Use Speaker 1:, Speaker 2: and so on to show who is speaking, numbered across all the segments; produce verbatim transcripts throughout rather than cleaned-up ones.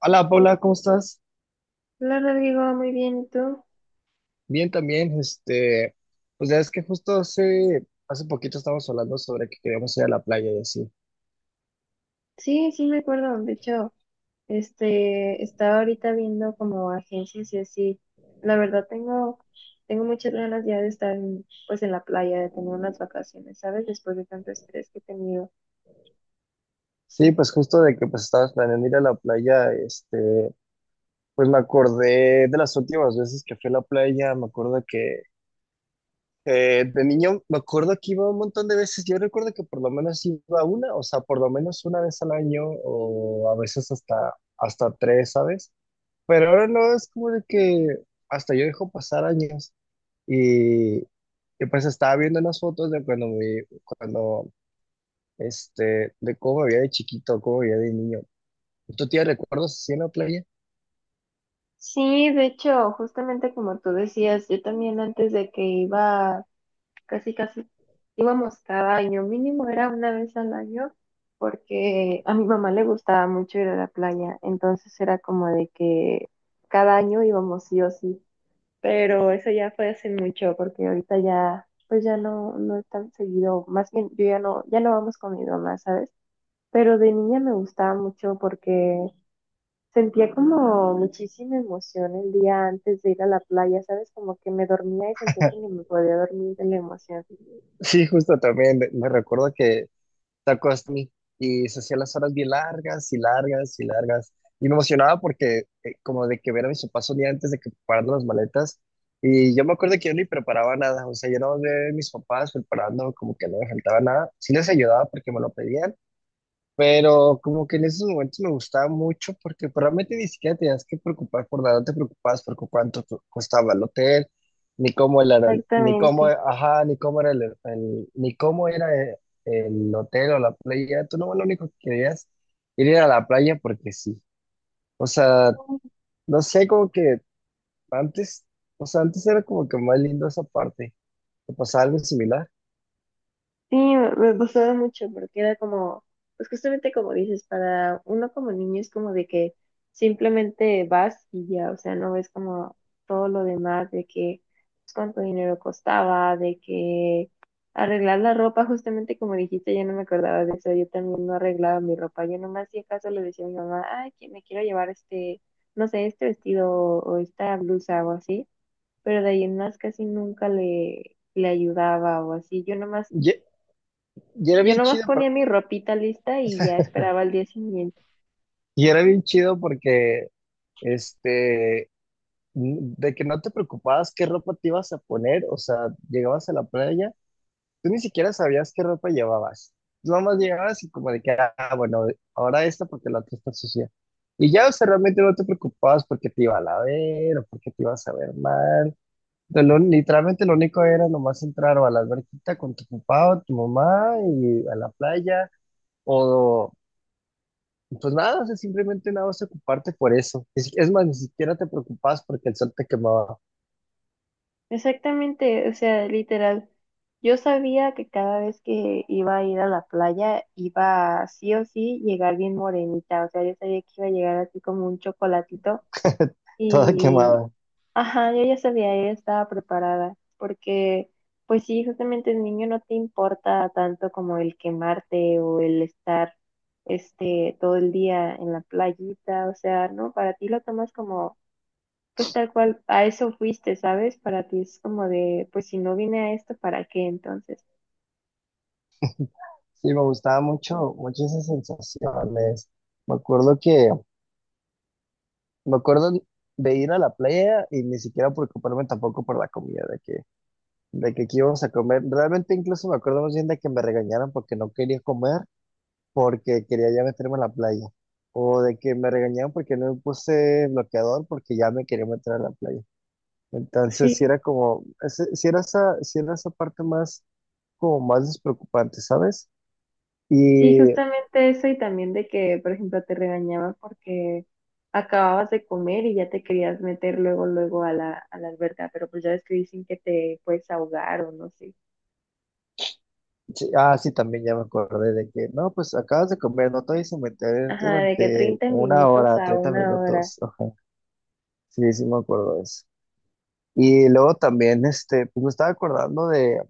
Speaker 1: Hola Paula, ¿cómo estás?
Speaker 2: Hola Rodrigo, muy bien, ¿y tú?
Speaker 1: Bien también, este, pues ya es que justo hace, hace poquito estábamos hablando sobre que queríamos ir a la playa y así.
Speaker 2: Sí, sí me acuerdo, de hecho, este, estaba ahorita viendo como agencias y así. La verdad tengo, tengo muchas ganas ya de estar en, pues en la playa, de tener unas vacaciones, ¿sabes? Después de tanto estrés que he tenido.
Speaker 1: Sí, pues justo de que pues estabas planeando ir a la playa, este, pues me acordé de las últimas veces que fui a la playa, me acuerdo que eh, de niño, me acuerdo que iba un montón de veces, yo recuerdo que por lo menos iba una, o sea, por lo menos una vez al año o a veces hasta, hasta tres, ¿sabes? Pero ahora no, es como de que hasta yo dejo pasar años. Y, y pues estaba viendo unas fotos de cuando me, cuando, este, de cómo me veía de chiquito, cómo me veía de niño. ¿Tú tienes recuerdos así en la playa?
Speaker 2: Sí, de hecho, justamente como tú decías, yo también antes de que iba casi casi íbamos cada año, mínimo era una vez al año, porque a mi mamá le gustaba mucho ir a la playa, entonces era como de que cada año íbamos sí o sí, pero eso ya fue hace mucho, porque ahorita ya, pues ya no, no es tan seguido, más bien yo ya no, ya no vamos con mi mamá, ¿sabes? Pero de niña me gustaba mucho porque sentía como muchísima emoción el día antes de ir a la playa, ¿sabes? Como que me dormía y sentía que ni me podía dormir de la emoción.
Speaker 1: Sí, justo también. Me me recuerdo que te acostas y y se hacían las horas bien largas y largas y largas. Y me emocionaba porque eh, como de que ver a mis papás un día antes de que prepararan las maletas. Y yo me acuerdo que yo ni preparaba nada. O sea, yo no veía a mis papás preparando como que no me faltaba nada. Sí les ayudaba porque me lo pedían. Pero como que en esos momentos me gustaba mucho porque pues, realmente ni siquiera tenías que preocupar por nada, no te preocupabas por cu- cuánto co- costaba el hotel, ni cómo era, el- ni cómo,
Speaker 2: Exactamente.
Speaker 1: ajá, ni cómo era el, el- ni cómo era el, el hotel o la playa. Tú no, lo único que querías era a la playa porque sí. O sea, no sé, como que antes, o sea, antes era como que más lindo esa parte. ¿Te pasaba algo similar?
Speaker 2: Sí, me, me gustaba mucho porque era como, pues justamente como dices, para uno como niño es como de que simplemente vas y ya, o sea, no ves como todo lo demás de que pues, cuánto dinero costaba, de que arreglar la ropa, justamente como dijiste, yo no me acordaba de eso, yo también no arreglaba mi ropa, yo nomás si acaso le decía a mi mamá, ay, que me quiero llevar este, no sé, este vestido o esta blusa o así. Pero de ahí en más casi nunca le, le ayudaba o así. Yo nomás,
Speaker 1: Y, y era
Speaker 2: yo
Speaker 1: bien
Speaker 2: nomás
Speaker 1: chido,
Speaker 2: ponía
Speaker 1: pero-
Speaker 2: mi ropita lista y ya esperaba al día siguiente.
Speaker 1: y era bien chido porque este, n- de que no te preocupabas qué ropa te ibas a poner, o sea, llegabas a la playa, tú ni siquiera sabías qué ropa llevabas. Nomás llegabas y como de que, ah, bueno, ahora esta porque la otra está sucia. Y ya, o sea, realmente no te preocupabas porque te iba a la ver o porque te ibas a ver mal. De lo- literalmente lo único era nomás entrar o a la alberquita con tu papá o tu mamá y a la playa o pues nada, o sea, simplemente nada vas a ocuparte por eso. Es, es más, ni siquiera te preocupabas porque el sol te quemaba.
Speaker 2: Exactamente, o sea, literal. Yo sabía que cada vez que iba a ir a la playa iba sí o sí llegar bien morenita, o sea, yo sabía que iba a llegar así como un chocolatito
Speaker 1: Toda
Speaker 2: y
Speaker 1: quemada.
Speaker 2: ajá, yo ya sabía, yo ya estaba preparada, porque pues sí, justamente el niño no te importa tanto como el quemarte o el estar este todo el día en la playita, o sea, ¿no? Para ti lo tomas como, pues tal cual, a eso fuiste, ¿sabes? Para ti es como de, pues si no vine a esto, ¿para qué entonces?
Speaker 1: Sí, me gustaba mucho, mucho esa sensación. es- Me acuerdo que, me acuerdo de ir a la playa y ni siquiera preocuparme tampoco por la comida, de que, de que qué íbamos a comer. Realmente incluso me acuerdo más bien de que me regañaron porque no quería comer, porque quería ya meterme a la playa. O de que me regañaron porque no me puse bloqueador porque ya me quería meter a la playa. Entonces sí
Speaker 2: Sí.
Speaker 1: era como, ese- sí era esa, sí era esa parte más, como más despreocupante, ¿sabes?
Speaker 2: Sí,
Speaker 1: Y
Speaker 2: justamente eso y también de que, por ejemplo, te regañaba porque acababas de comer y ya te querías meter luego, luego a la, a la alberca, pero pues ya ves que dicen que te puedes ahogar o no sé.
Speaker 1: sí, ah, sí, también ya me acordé de que, no, pues acabas de comer, no te vayas a meter
Speaker 2: Ajá, de que
Speaker 1: durante
Speaker 2: treinta
Speaker 1: una
Speaker 2: minutos
Speaker 1: hora,
Speaker 2: a
Speaker 1: treinta
Speaker 2: una hora.
Speaker 1: minutos. Ajá. Sí, sí me acuerdo de eso. Y luego también, este, pues me estaba acordando de,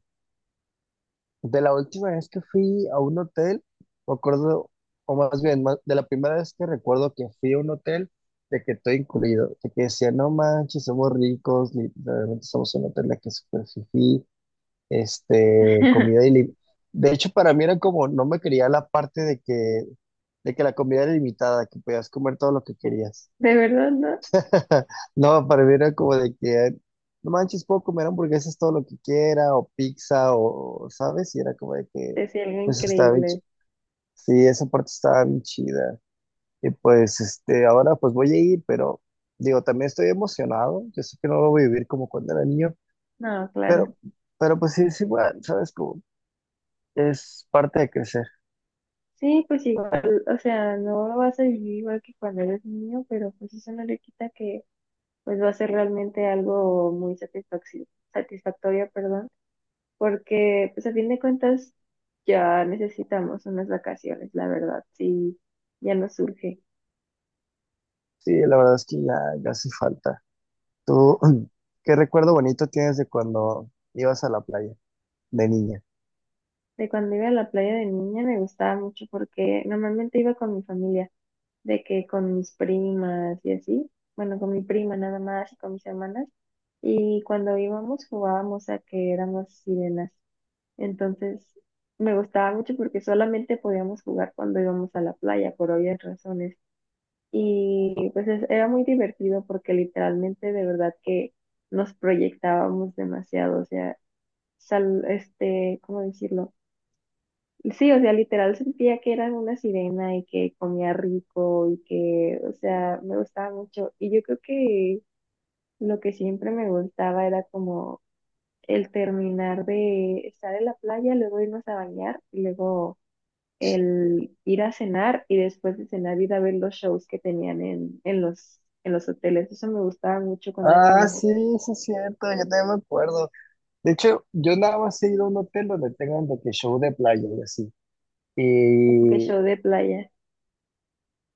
Speaker 1: de la última vez que fui a un hotel, me acuerdo, o más bien, ma- de la primera vez que recuerdo que fui a un hotel, de que todo incluido, de que decía, no manches, somos ricos, literalmente somos un hotel de que es súper fifí, este, comida ilimitada. De hecho, para mí era como, no me quería la parte de que, de que la comida era ilimitada, que podías comer todo lo que querías.
Speaker 2: De verdad, ¿no?
Speaker 1: No, para mí era como de que, no manches, puedo comer hamburguesas todo lo que quiera, o pizza, o, ¿sabes? Y era como de que,
Speaker 2: Es algo
Speaker 1: pues estaba bien,
Speaker 2: increíble.
Speaker 1: chi- sí, esa parte estaba bien chida. Y pues, este, ahora pues voy a ir, pero digo, también estoy emocionado, yo sé que no lo voy a vivir como cuando era niño,
Speaker 2: No, claro.
Speaker 1: pero, pero pues sí, es igual, ¿sabes? Es parte de crecer.
Speaker 2: Sí, pues igual, o sea, no lo vas a vivir igual que cuando eres niño, pero pues eso no le quita que pues va a ser realmente algo muy satisfactorio, satisfactorio, porque pues a fin de cuentas ya necesitamos unas vacaciones, la verdad, sí, ya nos surge.
Speaker 1: Sí, la verdad es que ya, ya hace falta. ¿Tú qué recuerdo bonito tienes de cuando ibas a la playa de niña?
Speaker 2: De cuando iba a la playa de niña me gustaba mucho porque normalmente iba con mi familia, de que con mis primas y así, bueno, con mi prima nada más y con mis hermanas, y cuando íbamos jugábamos a que éramos sirenas, entonces me gustaba mucho porque solamente podíamos jugar cuando íbamos a la playa, por obvias razones. Y pues es- era muy divertido porque literalmente de verdad que nos proyectábamos demasiado, o sea, sal, este, ¿cómo decirlo? Sí, o sea, literal sentía que era una sirena y que comía rico y que, o sea, me gustaba mucho. Y yo creo que lo que siempre me gustaba era como el terminar de estar en la playa, luego irnos a bañar y luego el ir a cenar y después de cenar ir a ver los shows que tenían en, en los, en los hoteles. Eso me gustaba mucho cuando era
Speaker 1: Ah,
Speaker 2: niña.
Speaker 1: sí, sí es cierto, yo también me acuerdo. De hecho, yo nada más he ido a un hotel donde tengan de que show de playa y así.
Speaker 2: Como que
Speaker 1: Y,
Speaker 2: show de playa.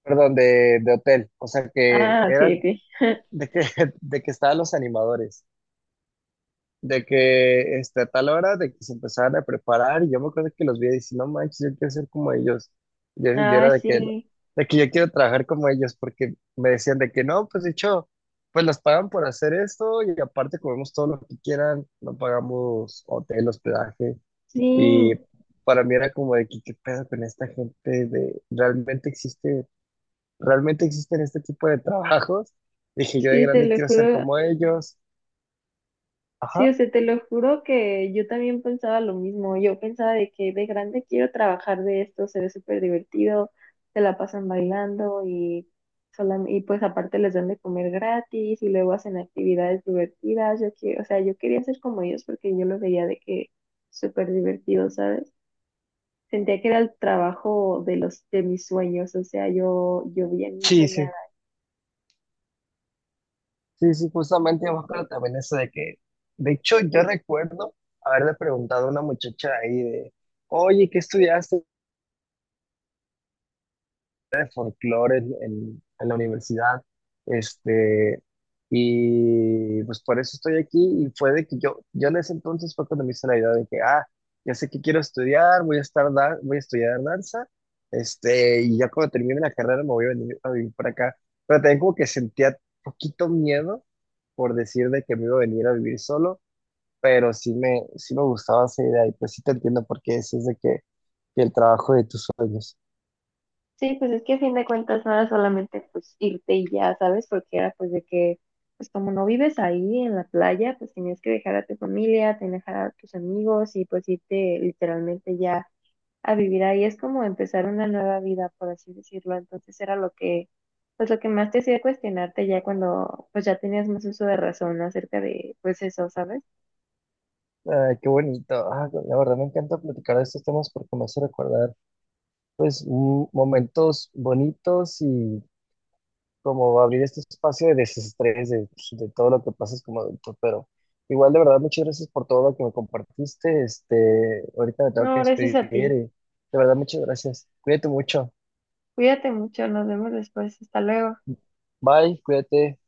Speaker 1: perdón, de, de hotel. O sea que
Speaker 2: Ah, ok,
Speaker 1: eran
Speaker 2: ok.
Speaker 1: de que, de que estaban los animadores. De que este, a tal hora de que se empezaban a preparar y yo me acuerdo que los vi y dije, no manches, yo quiero ser como ellos. Yo, yo
Speaker 2: Ah,
Speaker 1: era de que,
Speaker 2: sí,
Speaker 1: de que yo quiero trabajar como ellos porque me decían de que no, pues de hecho, pues las pagan por hacer esto y aparte comemos todo lo que quieran, no pagamos hotel, hospedaje y
Speaker 2: sí,
Speaker 1: para mí era como de que qué pedo con esta gente de realmente existe, realmente existen este tipo de trabajos. Dije, yo de
Speaker 2: sí, te
Speaker 1: grande
Speaker 2: lo
Speaker 1: quiero ser
Speaker 2: juro.
Speaker 1: como ellos.
Speaker 2: Sí, o
Speaker 1: Ajá.
Speaker 2: sea, te lo juro que yo también pensaba lo mismo. Yo pensaba de que de grande quiero trabajar de esto, se ve súper divertido, se la pasan bailando y, solam- y pues aparte les dan de comer gratis y luego hacen actividades divertidas. Yo quiero, o sea, yo quería ser como ellos porque yo lo veía de que súper divertido, ¿sabes? Sentía que era el trabajo de los de mis sueños, o sea, yo, yo bien
Speaker 1: Sí, sí.
Speaker 2: soñaba.
Speaker 1: Sí, sí, justamente me acuerdo también eso de que, de hecho, yo recuerdo haberle preguntado a una muchacha ahí de, oye, ¿qué estudiaste de folclore en, en- en la universidad? Este, y pues por eso estoy aquí y fue de que yo, yo en ese entonces fue cuando me hice la idea de que, ah, ya sé que quiero estudiar, voy a estar, da- voy a estudiar danza, este, y ya cuando termine la carrera me voy a venir a vivir para acá. Pero también como que sentía poquito miedo por decir de que me iba a venir a vivir solo pero sí me, sí me gustaba esa idea y pues sí te entiendo por qué decís de que, que el trabajo de tus sueños.
Speaker 2: Sí, pues es que a fin de cuentas no era solamente pues irte y ya, ¿sabes? Porque era pues de que, pues como no vives ahí en la playa, pues tenías que dejar a tu familia, tenías que dejar a tus amigos y pues irte literalmente ya a vivir ahí. Es como empezar una nueva vida, por así decirlo. Entonces era lo que, pues lo que más te hacía cuestionarte ya cuando pues ya tenías más uso de razón acerca de pues eso, ¿sabes?
Speaker 1: Ay, qué bonito. Ah, la verdad me encanta platicar de estos temas porque me hace recordar pues m- momentos bonitos y como abrir este espacio de desestrés de, pues, de todo lo que pasas como adulto. Pero igual de verdad muchas gracias por todo lo que me compartiste. Este, ahorita me tengo
Speaker 2: No,
Speaker 1: que
Speaker 2: gracias a
Speaker 1: despedir y
Speaker 2: ti.
Speaker 1: de verdad muchas gracias. Cuídate mucho.
Speaker 2: Cuídate mucho, nos vemos después. Hasta luego.
Speaker 1: Bye, cuídate.